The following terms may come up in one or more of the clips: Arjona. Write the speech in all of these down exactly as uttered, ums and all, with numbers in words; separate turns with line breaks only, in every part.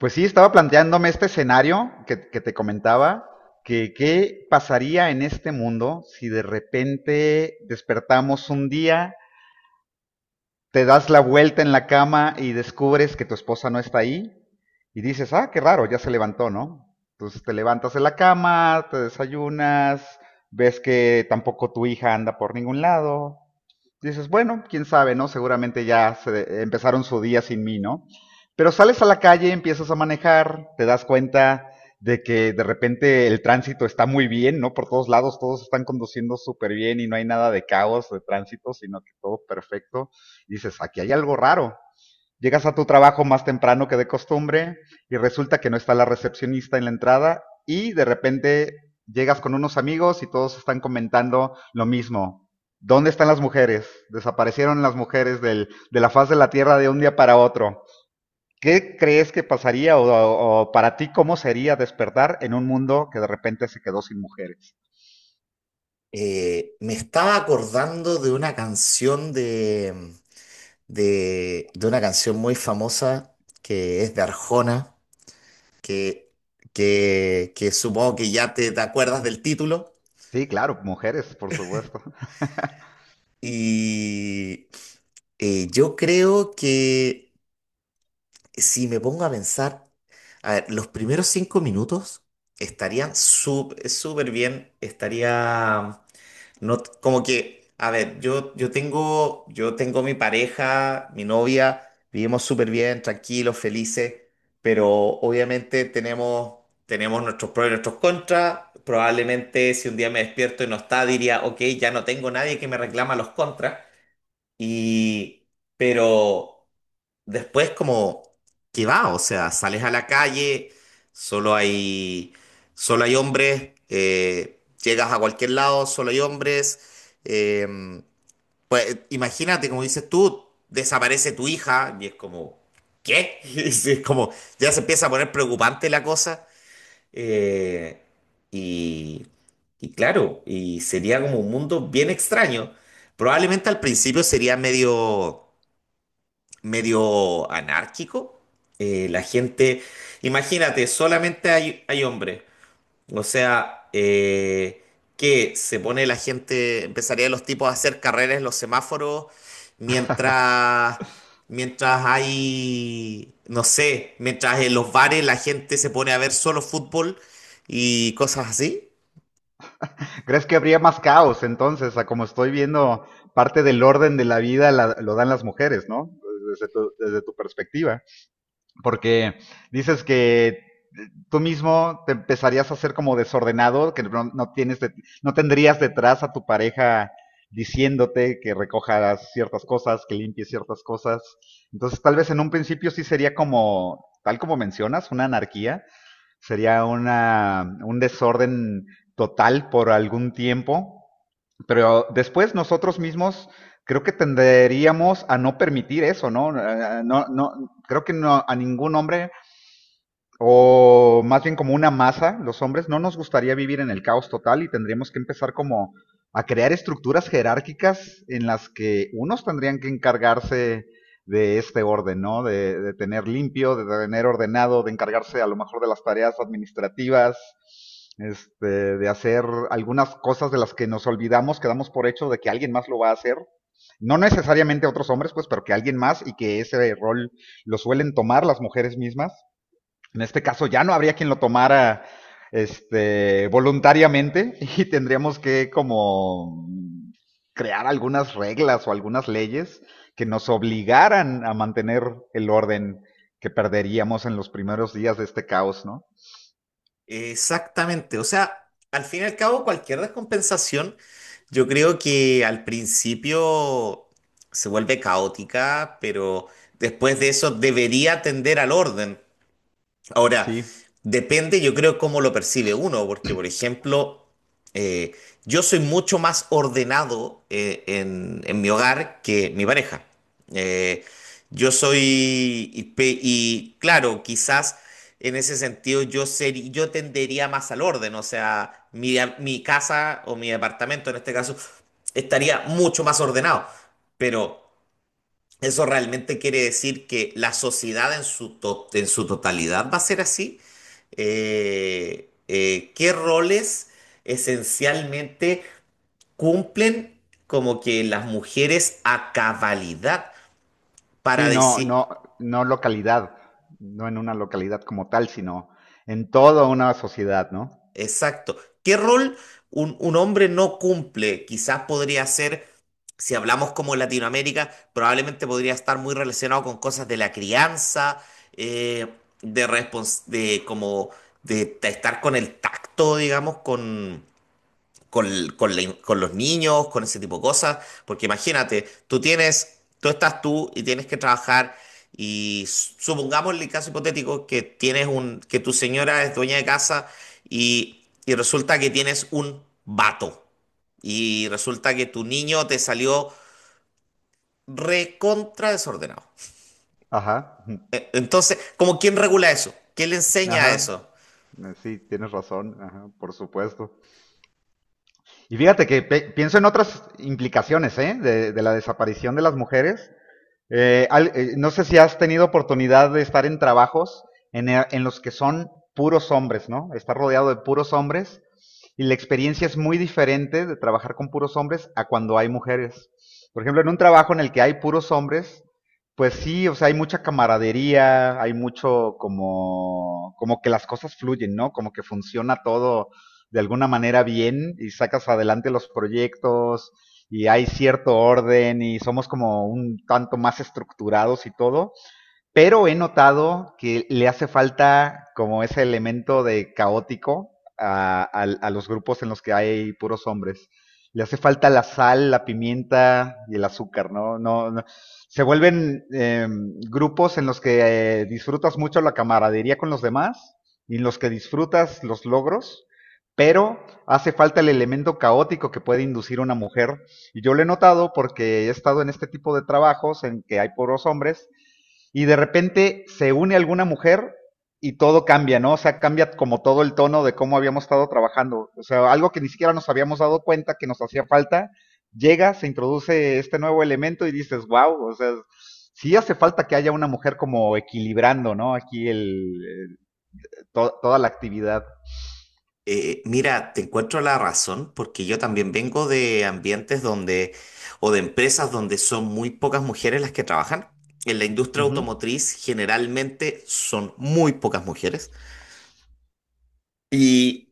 Pues sí, estaba planteándome este escenario que, que te comentaba, que qué pasaría en este mundo si de repente despertamos un día, te das la vuelta en la cama y descubres que tu esposa no está ahí y dices, ah, qué raro, ya se levantó, ¿no? Entonces te levantas de la cama, te desayunas, ves que tampoco tu hija anda por ningún lado. Dices, bueno, quién sabe, ¿no? Seguramente ya se- empezaron su día sin mí, ¿no? Pero sales a la calle, empiezas a manejar, te das cuenta de que de repente el tránsito está muy bien, ¿no? Por todos lados todos están conduciendo súper bien y no hay nada de caos de tránsito, sino que todo perfecto. Dices, aquí hay algo raro. Llegas a tu trabajo más temprano que de costumbre y resulta que no está la recepcionista en la entrada y de repente llegas con unos amigos y todos están comentando lo mismo. ¿Dónde están las mujeres? Desaparecieron las mujeres del, de la faz de la tierra de un día para otro. ¿Qué crees que pasaría o, o o para ti cómo sería despertar en un mundo que de repente se quedó sin mujeres?
Eh, me estaba acordando de una canción de, mm, de, de una canción muy famosa que es de Arjona, que, que, que supongo que ya te, te acuerdas del título.
Sí, claro, mujeres, por supuesto.
Y eh, yo creo que si me pongo a pensar, a ver, los primeros cinco minutos estarían sup- súper bien, estaría. No, t- como que, a ver, yo, yo tengo, yo tengo mi pareja, mi novia, vivimos súper bien, tranquilos, felices, pero obviamente tenemos, tenemos nuestros pros y nuestros contras. Probablemente si un día me despierto y no está, diría, ok, ya no tengo nadie que me reclama los contras. Y, pero, después como qué va, o sea, sales a la calle, solo hay, solo hay hombres, eh, llegas a cualquier lado, solo hay hombres, eh, pues imagínate, como dices tú, desaparece tu hija y es como, ¿qué? Es es como, ya se empieza a poner preocupante la cosa, eh, y, y claro, y sería como un mundo bien extraño. Probablemente al principio sería medio medio anárquico. Eh, la gente, imagínate, solamente hay, hay hombres. O sea, eh, que se pone la gente, empezaría los tipos a hacer carreras en los semáforos mientras, mientras hay, no sé, mientras en los bares la gente se pone a ver solo fútbol y cosas así.
¿Crees que habría más caos entonces? A como estoy viendo, parte del orden de la vida la, lo dan las mujeres, ¿no? Desde tu, desde tu perspectiva. Porque dices que tú mismo te empezarías a ser como desordenado, que no, no tienes de- no tendrías detrás a tu pareja diciéndote que recojas ciertas cosas, que limpies ciertas cosas. Entonces, tal vez en un principio sí sería como, tal como mencionas, una anarquía, sería una, un desorden total por algún tiempo, pero después nosotros mismos creo que tenderíamos a no permitir eso, ¿no? Eh, No, no creo que no, a ningún hombre o más bien como una masa, los hombres, no nos gustaría vivir en el caos total y tendríamos que empezar como a crear estructuras jerárquicas en las que unos tendrían que encargarse de este orden, ¿no? De, de tener limpio, de tener ordenado, de encargarse a lo mejor de las tareas administrativas, este, de hacer algunas cosas de las que nos olvidamos, que damos por hecho de que alguien más lo va a hacer. No necesariamente otros hombres, pues, pero que alguien más, y que ese rol lo suelen tomar las mujeres mismas. En este caso ya no habría quien lo tomara, este, voluntariamente. Y tendríamos que como crear algunas reglas o algunas leyes que nos obligaran a mantener el orden que perderíamos en los primeros días de este caos, ¿no?
Exactamente, o sea, al fin y al cabo cualquier descompensación, yo creo que al principio se vuelve caótica, pero después de eso debería tender al orden. Ahora,
Sí,
depende, yo creo, cómo lo percibe uno, porque, por ejemplo, eh, yo soy mucho más ordenado eh, en, en mi hogar que mi pareja. Eh, yo soy, y, pe- y, claro, quizás en ese sentido yo, seri- yo tendería más al orden, o sea, mi, a- mi casa o mi departamento en este caso estaría mucho más ordenado, pero... ¿Eso realmente quiere decir que la sociedad en su, to- en su totalidad va a ser así? Eh, eh, ¿qué roles esencialmente cumplen como que las mujeres a cabalidad para
sí, no,
decir,
no, no localidad, no en una localidad como tal, sino en toda una sociedad, ¿no?
exacto? ¿Qué rol un, un hombre no cumple? Quizás podría ser, si hablamos como Latinoamérica, probablemente podría estar muy relacionado con cosas de la crianza, eh, de, respons- de como de, de estar con el tacto, digamos, con con, con la- in- con los niños, con ese tipo de cosas, porque imagínate, tú tienes, tú estás tú y tienes que trabajar y s- supongamos el caso hipotético que tienes un, que tu señora es dueña de casa y, y resulta que tienes un vato y resulta que tu niño te salió recontra desordenado.
Ajá,
E- Entonces, ¿cómo quién regula eso? ¿Quién le enseña eso?
ajá, sí, tienes razón, ajá, por supuesto. Y fíjate que pienso en otras implicaciones, ¿eh? de, de la desaparición de las mujeres, eh, al- eh, no sé si has tenido oportunidad de estar en trabajos en, e- en los que son puros hombres, ¿no? Estar rodeado de puros hombres y la experiencia es muy diferente de trabajar con puros hombres a cuando hay mujeres. Por ejemplo, en un trabajo en el que hay puros hombres, pues sí, o sea, hay mucha camaradería, hay mucho como, como que las cosas fluyen, ¿no? Como que funciona todo de alguna manera bien y sacas adelante los proyectos, y hay cierto orden y somos como un tanto más estructurados y todo, pero he notado que le hace falta como ese elemento de caótico a, a, a los grupos en los que hay puros hombres. Le hace falta la sal, la pimienta y el azúcar, ¿no? No, no. Se vuelven eh, grupos en los que eh, disfrutas mucho la camaradería con los demás y en los que disfrutas los logros, pero hace falta el elemento caótico que puede inducir una mujer y yo lo he notado porque he estado en este tipo de trabajos en que hay puros hombres y de repente se une alguna mujer y todo cambia, ¿no? O sea, cambia como todo el tono de cómo habíamos estado trabajando. O sea, algo que ni siquiera nos habíamos dado cuenta que nos hacía falta, llega, se introduce este nuevo elemento y dices, wow, o sea, sí hace falta que haya una mujer como equilibrando, ¿no? Aquí el, el- to- toda la actividad.
Eh, mira, te encuentro la razón porque yo también vengo de ambientes donde, o de empresas donde son muy pocas mujeres las que trabajan. En la industria
Ujú.
automotriz generalmente son muy pocas mujeres. Y,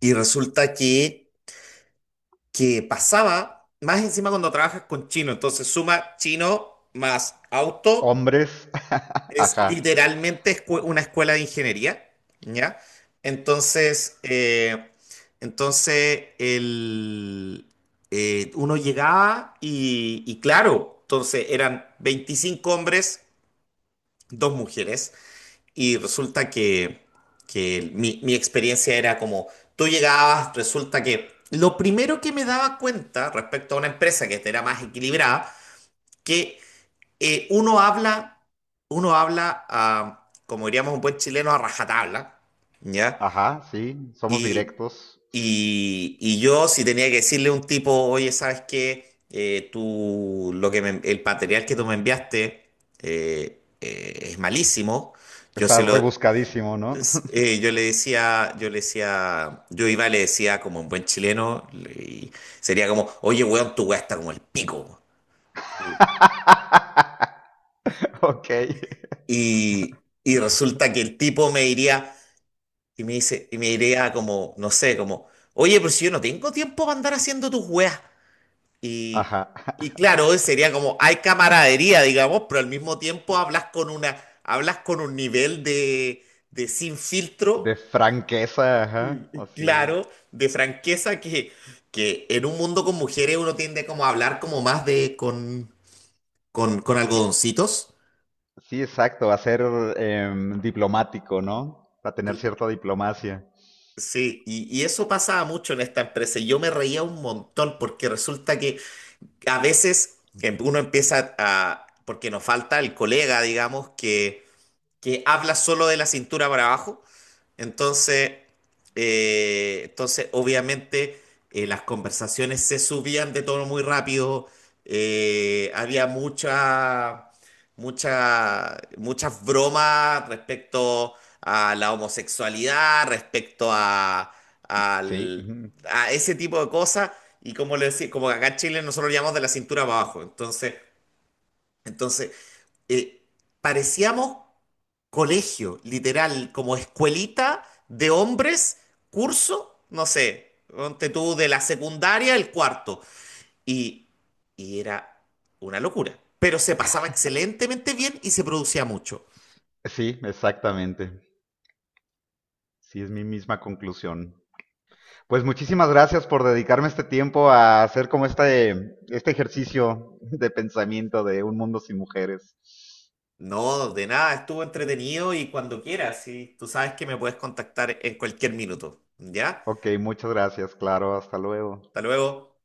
y resulta que, que pasaba más encima cuando trabajas con chino. Entonces suma chino más auto.
Hombres,
Es
ajá,
literalmente escue- una escuela de ingeniería, ¿ya? Entonces, eh, entonces el, eh, uno llegaba y, y claro, entonces eran veinticinco hombres, dos mujeres, y resulta que, que mi, mi experiencia era como, tú llegabas, resulta que lo primero que me daba cuenta respecto a una empresa que era más equilibrada, que eh, uno habla, uno habla, ah, como diríamos un buen chileno, a rajatabla, ¿ya?
ajá, sí, somos
Y,
directos.
y- y yo si tenía que decirle a un tipo, oye, ¿sabes qué? Eh, tú, lo que me- el material que tú me enviaste eh, eh, es malísimo. Yo
Está
se lo,
rebuscadísimo, ¿no?
es- eh, yo le decía, yo le decía, yo iba y le decía como un buen chileno, le- y sería como, oye, weón, tu weá está como el pico.
Ok.
Y, y resulta que el tipo me diría, y me dice, y me diría como, no sé, como, oye, pero si yo no tengo tiempo para andar haciendo tus weas. Y,
Ajá.
y claro, sería como, hay camaradería, digamos, pero al mismo tiempo hablas con una, hablas con un nivel de, de sin
De
filtro,
franqueza,
y-
ajá.
y
Así es.
claro, de franqueza que, que en un mundo con mujeres uno tiende como a hablar como más de, con, con, con
Sí,
algodoncitos.
sí, exacto. A ser em, diplomático, ¿no? A tener cierta diplomacia.
Sí, y, y eso pasaba mucho en esta empresa y yo me reía un montón porque resulta que a veces em- uno empieza a, porque nos falta el colega, digamos, que, que habla solo de la cintura para abajo entonces, eh, entonces obviamente, eh, las conversaciones se subían de tono muy rápido, eh, había mucha, mucha, muchas bromas respecto a la homosexualidad, respecto a,
Sí,
al-
ujú.
a ese tipo de cosas, y como le decía, como acá en Chile nosotros lo llamamos de la cintura para abajo. Entonces, entonces eh, parecíamos colegio, literal, como escuelita de hombres, curso, no sé, ponte tú de la secundaria, el cuarto. Y, y era una locura. Pero se pasaba excelentemente bien y se producía mucho.
Sí, exactamente. Sí, es mi misma conclusión. Pues muchísimas gracias por dedicarme este tiempo a hacer como este, este ejercicio de pensamiento de un mundo sin mujeres.
No, de nada, estuvo entretenido y cuando quieras, y tú sabes que me puedes contactar en cualquier minuto. ¿Ya?
Ok, muchas gracias, claro, hasta luego.
Hasta luego.